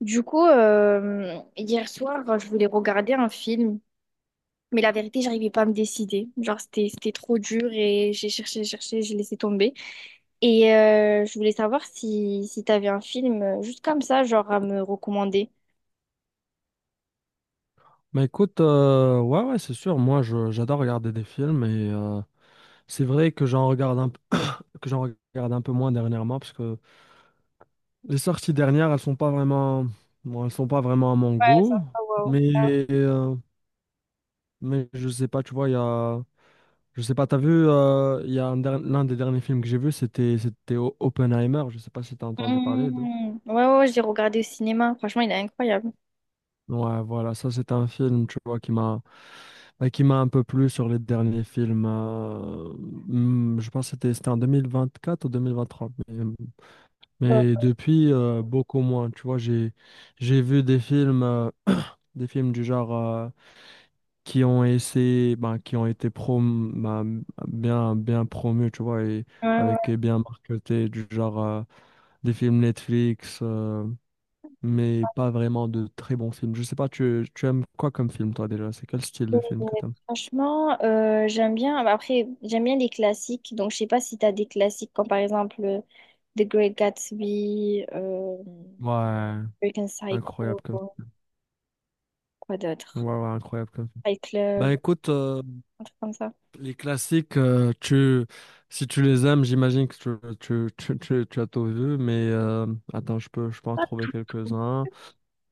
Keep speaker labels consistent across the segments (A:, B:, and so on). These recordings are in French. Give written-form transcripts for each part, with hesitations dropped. A: Du coup, hier soir, je voulais regarder un film, mais la vérité, j'arrivais pas à me décider. Genre, c'était trop dur et j'ai cherché, cherché, j'ai laissé tomber. Et je voulais savoir si t'avais un film juste comme ça, genre à me recommander.
B: Bah écoute, ouais, ouais, c'est sûr, moi j'adore regarder des films et c'est vrai que j'en regarde un, p- que j'en regarde un peu moins dernièrement parce que les sorties dernières, elles sont pas vraiment, bon, elles sont pas vraiment à mon
A: Ouais,
B: goût,
A: sympa, waouh.
B: mais, euh, mais je sais pas, tu vois, il y a, je sais pas, t'as vu, il y a un der- l'un des derniers films que j'ai vu, c'était Oppenheimer, je sais pas si t'as entendu parler de.
A: Mmh. Ouais, ouais, ouais, je l'ai regardé au cinéma. Franchement, il est incroyable.
B: Ouais, voilà, ça c'est un film, tu vois, qui m'a un peu plu sur les derniers films. Je pense que c'était en 2024 ou 2023. Mais,
A: Ouais.
B: mais depuis, beaucoup moins. Tu vois, j'ai vu des films du genre ben, qui ont été prom ben, bien, bien promus, tu vois, et
A: Ouais, ouais.
B: avec et bien marketés, du genre des films Netflix, mais pas vraiment de très bons films. Je sais pas, tu aimes quoi comme film, toi, déjà? C'est quel style
A: Euh,
B: de film que t'aimes?
A: Franchement, j'aime bien. Bah, après, j'aime bien les classiques. Donc, je sais pas si tu as des classiques comme par exemple The Great Gatsby,
B: Ouais,
A: American
B: incroyable. Comme
A: Psycho, quoi
B: Ouais,
A: d'autre?
B: ouais, incroyable comme film.
A: Fight
B: Ben
A: Club,
B: écoute,
A: un truc comme ça.
B: les classiques, si tu les aimes, j'imagine que tu as tout vu, mais attends, je peux en trouver quelques-uns.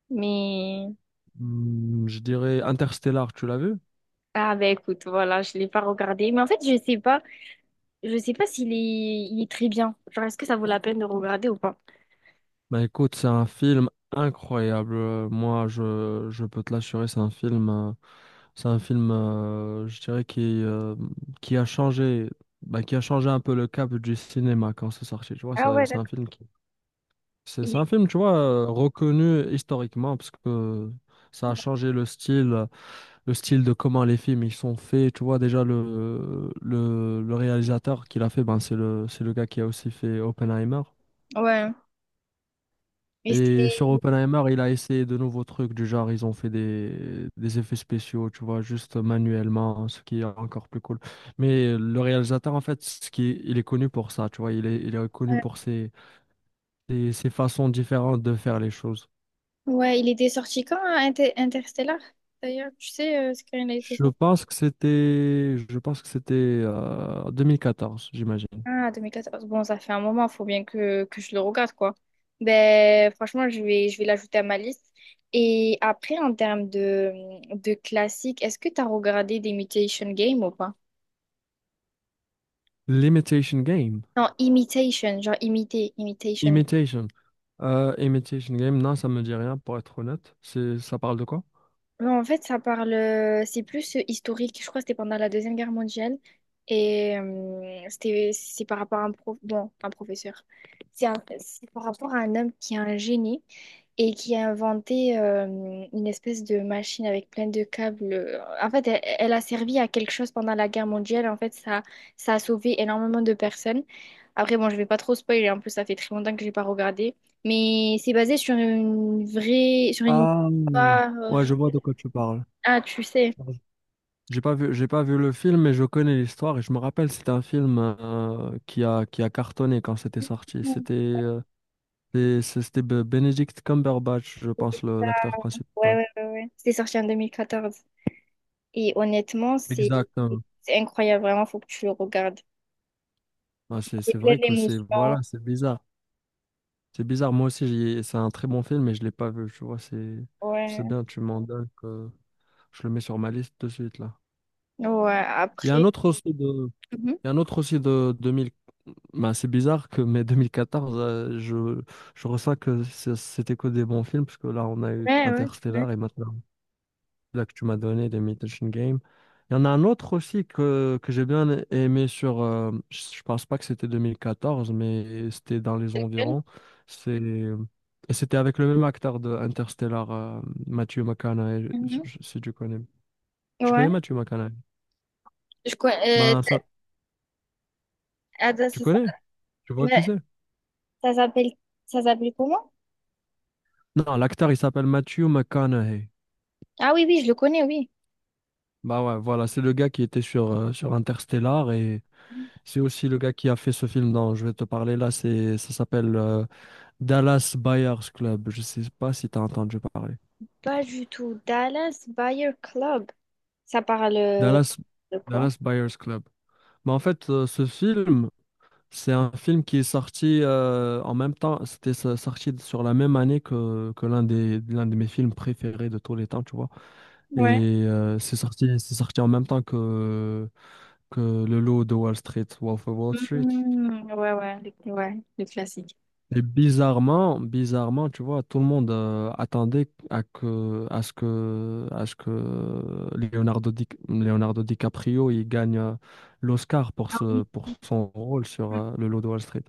A: Mais
B: Je dirais Interstellar, tu l'as vu?
A: ah ben écoute, voilà, je l'ai pas regardé. Mais en fait, je sais pas s'il est, il est très bien. Genre, est-ce que ça vaut la peine de regarder ou pas?
B: Ben écoute, c'est un film incroyable. Moi, je peux te l'assurer, c'est un film, je dirais, qui a changé, qui a changé un peu le cap du cinéma quand c'est sorti. Tu vois,
A: Ah ouais, d'accord.
B: C'est
A: Il
B: c'est
A: est-
B: un film, tu vois, reconnu historiquement parce que ça a changé le style de comment les films ils sont faits. Tu vois, déjà le réalisateur qui l'a fait, ben, c'est le gars qui a aussi fait Oppenheimer.
A: Ouais. Et
B: Et sur
A: c'était...
B: Oppenheimer, il a essayé de nouveaux trucs du genre, ils ont fait des effets spéciaux, tu vois, juste manuellement, ce qui est encore plus cool. Mais le réalisateur, en fait, ce qui il est connu pour ça, tu vois, il est connu
A: Ouais.
B: pour ses façons différentes de faire les choses.
A: Ouais, il était sorti quand, hein, Inter- Interstellar? D'ailleurs, tu sais, c'est quand il a été
B: Je
A: sorti.
B: pense que c'était, je pense que c'était 2014, j'imagine.
A: Ah, 2014. Bon, ça fait un moment, faut bien que je le regarde, quoi. Ben, franchement, je vais l'ajouter à ma liste. Et après, en termes de classique, est-ce que tu as regardé des Mutation Game ou pas?
B: L'Imitation Game.
A: Non, imitation, genre imiter, imitation.
B: Imitation. Imitation Game, non, ça me dit rien, pour être honnête. Ça parle de quoi?
A: Non, en fait, ça parle, c'est plus historique. Je crois que c'était pendant la Deuxième Guerre mondiale. Et c'était, c'est par rapport à un prof, bon, un professeur. C'est un- c'est par rapport à un homme qui est un génie et qui a inventé une espèce de machine avec plein de câbles. En fait, elle, elle a servi à quelque chose pendant la guerre mondiale. En fait, ça a sauvé énormément de personnes. Après, bon, je vais pas trop spoiler. En plus, ça fait très longtemps que j'ai pas regardé. Mais c'est basé sur une vraie, sur une
B: Ah,
A: histoire,
B: ouais, je vois de quoi tu parles.
A: ah, tu sais.
B: J'ai pas vu le film, mais je connais l'histoire et je me rappelle, c'était un film qui a cartonné quand c'était sorti.
A: Mm.
B: C'était Benedict Cumberbatch, je pense, l'acteur
A: Ouais,
B: principal.
A: ouais, ouais, ouais. C'était sorti en 2014. Et honnêtement,
B: Exactement.
A: c'est incroyable, vraiment, faut que tu le regardes.
B: Ah, c'est
A: C'est
B: c'est
A: plein
B: vrai que c'est,
A: d'émotions.
B: voilà, c'est bizarre. C'est bizarre. Moi aussi, c'est un très bon film, mais je l'ai pas vu. Tu vois, c'est
A: Ouais.
B: bien. Tu m'en donnes que je le mets sur ma liste de suite là.
A: Ouais,
B: Il y a un
A: après.
B: autre aussi de
A: Mhm.
B: Il y a un autre aussi de 2000. Ben, c'est bizarre que mais 2014, je ressens que c'était que des bons films, parce que là, on a eu
A: Ouais, ouais, c'est vrai.
B: Interstellar et maintenant, là que tu m'as donné, les Imitation Game. Il y en a un autre aussi que j'ai bien aimé sur. Je pense pas que c'était 2014, mais c'était dans les
A: Elle.
B: environs. C'est, et c'était avec le même acteur de Interstellar, Matthew McConaughey,
A: Mhm.
B: si tu connais. Tu
A: Ouais.
B: connais Matthew McConaughey?
A: Je connais.
B: Ben, ça,
A: Ah, ça
B: tu
A: ça-
B: connais? Tu vois
A: mais
B: qui c'est?
A: ça s'appelle ça s'appelle comment?
B: Non, l'acteur, il s'appelle Matthew McConaughey.
A: Ah oui, oui, je le connais, oui.
B: Bah ouais, voilà, c'est le gars qui était sur Interstellar et c'est aussi le gars qui a fait ce film dont je vais te parler là. Ça s'appelle Dallas Buyers Club. Je sais pas si tu as entendu parler.
A: Pas du tout. Dallas Buyer Club. Ça parle
B: Dallas,
A: de quoi?
B: Dallas Buyers Club. Mais en fait, ce film, c'est un film qui est sorti en même temps. C'était sorti sur la même année que l'un de mes films préférés de tous les temps, tu vois. Et
A: Ouais.
B: c'est sorti en même temps que le lot de Wall Street, Wolf of Wall Street.
A: Mm, ouais, ouais, le classique.
B: Et bizarrement, tu vois, tout le monde attendait à que, à ce que, à ce que Leonardo DiCaprio il gagne l'Oscar
A: Ah oui.
B: pour
A: Oui,
B: son
A: oui.
B: rôle sur le lot de Wall Street.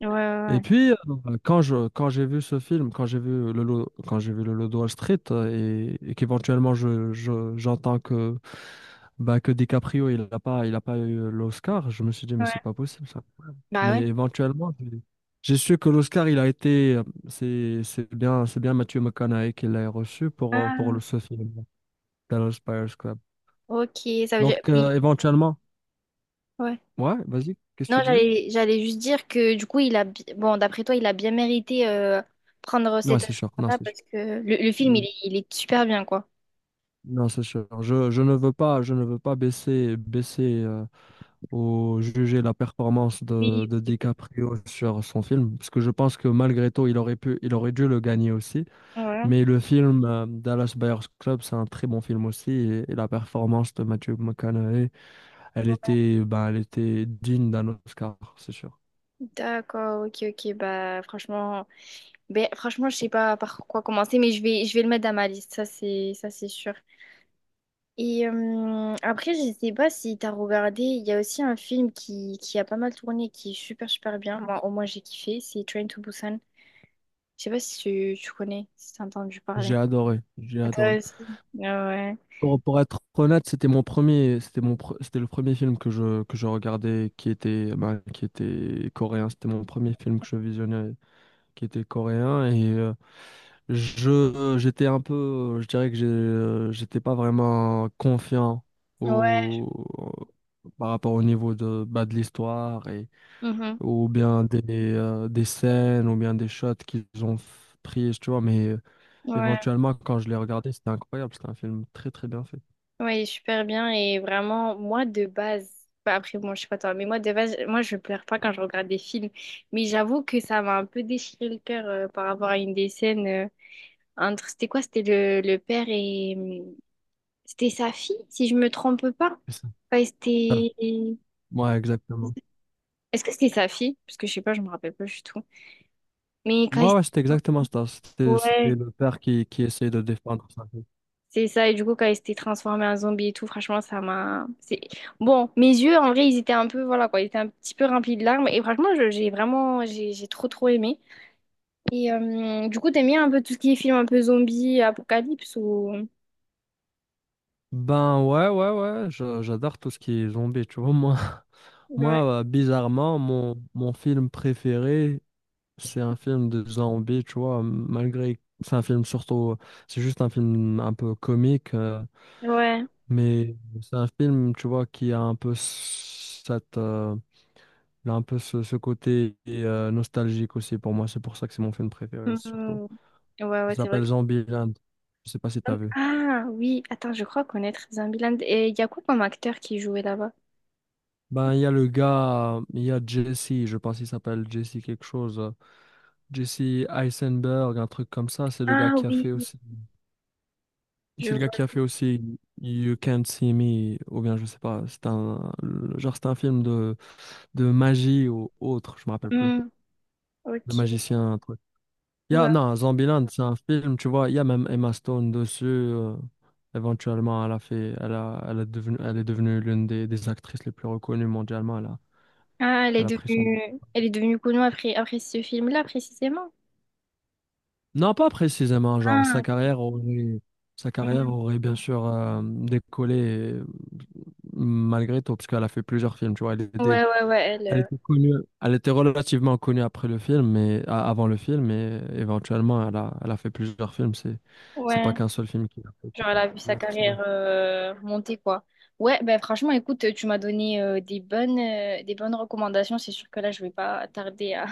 A: Ouais, ouais,
B: Et
A: ouais.
B: puis, quand j'ai vu ce film, quand j'ai vu le lot de Wall Street, et qu'éventuellement j'entends que, bah, que DiCaprio il a pas eu l'Oscar, je me suis dit mais c'est
A: Ouais.
B: pas possible ça.
A: Bah ouais.
B: Mais éventuellement, j'ai su que l'Oscar, c'est bien Matthew McConaughey qui l'a reçu pour
A: Ah,
B: ce film, Dallas Buyers Club.
A: ok, ça veut dire.
B: Donc,
A: Mais-
B: éventuellement,
A: ouais.
B: ouais, vas-y, qu'est-ce que
A: Non,
B: tu disais?
A: j'allais juste dire que du coup, il a. Bi- bon, d'après toi, il a bien mérité prendre
B: Non,
A: cette
B: c'est sûr, non,
A: Oscar-là
B: c'est sûr.
A: parce que le film,
B: Mm.
A: il est super bien, quoi.
B: Non, c'est sûr. Je ne veux pas, je ne veux pas baisser ou juger la performance
A: Oui,
B: de
A: oui, oui.
B: DiCaprio sur son film, parce que je pense que malgré tout, il aurait pu, il aurait dû le gagner aussi.
A: Ouais.
B: Mais le film Dallas Buyers Club, c'est un très bon film aussi. Et la performance de Matthew McConaughey, elle
A: Ouais.
B: était, ben, elle était digne d'un Oscar, c'est sûr.
A: D'accord, ok, ok. Bah, franchement, ben, franchement, je sais pas par quoi commencer, mais je vais le mettre dans ma liste. Ça, c'est sûr. Et après, je sais pas si t'as regardé, il y a aussi un film qui a pas mal tourné, qui est super super bien. Moi, au moins, j'ai kiffé, c'est Train to Busan. Je sais pas si tu, tu connais, si t'as entendu
B: J'ai
A: parler.
B: adoré, j'ai
A: Ah,
B: adoré.
A: toi aussi. Ah ouais.
B: Pour être honnête, c'était mon premier, c'était mon, pre- c'était le premier film que je regardais qui était coréen. C'était mon premier film que je visionnais qui était coréen. J'étais un peu, je dirais que j'étais pas vraiment confiant
A: Ouais.
B: au, par rapport au niveau de l'histoire et
A: Mhm.
B: ou bien des scènes ou bien des shots qu'ils ont pris, tu vois. Mais
A: Ouais.
B: éventuellement, quand je l'ai regardé, c'était incroyable. C'était un film très très bien fait.
A: Ouais, il est super bien. Et vraiment, moi, de base, bah, après, bon, je sais pas toi, mais moi, de base, moi, je pleure pas quand je regarde des films. Mais j'avoue que ça m'a un peu déchiré le cœur par rapport à une des scènes entre, c'était quoi? C'était le père et c'était sa fille, si je me trompe pas.
B: C'est ça.
A: Quand il
B: Ça-
A: s'était-
B: Ouais, exactement.
A: est-ce que c'était sa fille? Parce que je sais pas, je me rappelle pas du tout. Mais quand il
B: Ouais, ouais,
A: s'était...
B: c'était exactement ça. C'était
A: Ouais,
B: le père qui essayait de défendre sa vie.
A: c'est ça. Et du coup, quand il s'était transformé en zombie et tout, franchement, ça m'a... c'est- bon, mes yeux, en vrai, ils étaient un peu... Voilà, quoi. Ils étaient un petit peu remplis de larmes. Et franchement, je- j'ai vraiment... j'ai trop, trop aimé. Et du coup, t'aimes bien un peu tout ce qui est film un peu zombie, apocalypse ou...
B: Ben ouais, ouais, ouais. J'adore tout ce qui est zombie, tu vois, moi.
A: Ouais.
B: Moi, bizarrement, mon film préféré, c'est un film de Zombie, tu vois, malgré que c'est un film surtout, c'est juste un film un peu comique,
A: Ouais.
B: mais c'est un film, tu vois, qui a un peu cette, il a un peu ce côté nostalgique aussi pour moi, c'est pour ça que c'est mon film préféré surtout.
A: Mhm. Ouais, ouais,
B: Ça
A: c'est vrai.
B: s'appelle Zombieland, je sais pas si t'as vu.
A: Ah oui, attends, je crois connaître Zombieland. Et il y a quoi comme acteur qui jouait là-bas?
B: Ben, il y a le gars, il y a Jesse, je pense qu'il s'appelle Jesse quelque chose. Jesse Eisenberg, un truc comme ça,
A: Ah oui, je
B: C'est le gars qui
A: vois.
B: a fait aussi You Can't See Me, ou bien je sais pas, genre c'est un film de magie ou autre, je me rappelle plus.
A: Hmm,
B: De
A: ok,
B: magicien, un truc.
A: ouais.
B: Non, Zombieland, c'est un film, tu vois, il y a même Emma Stone dessus. Éventuellement, elle a fait, elle a, elle a devenu, elle est devenue l'une des actrices les plus reconnues mondialement. Elle a,
A: Ah,
B: elle a pris son.
A: elle est devenue connue après, après ce film-là, précisément.
B: Non, pas précisément, genre sa
A: Ah,
B: carrière aurait, sa
A: hmm.
B: carrière aurait bien sûr décollé euh, malgré tout, parce qu'elle a fait plusieurs films, tu vois. Elle était
A: Ouais, ouais, ouais, elle,
B: Elle était connue, elle était relativement connue après le film, mais avant le film, mais éventuellement, elle a fait plusieurs films. C'est pas
A: ouais,
B: qu'un seul film qui l'a fait
A: genre elle a vu sa
B: connaître, c'est vrai.
A: carrière remonter, quoi. Ouais, ben franchement, écoute, tu m'as donné des bonnes recommandations. C'est sûr que là, je vais pas tarder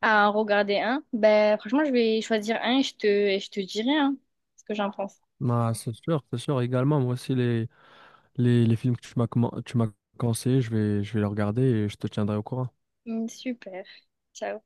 A: à en regarder un. Ben franchement, je vais choisir un et je te dirai hein, ce que j'en pense.
B: Bah, c'est sûr, c'est sûr. Également, moi aussi, les films que tu m'as conseillé, je vais les regarder et je te tiendrai au courant.
A: Mm, super. Ciao.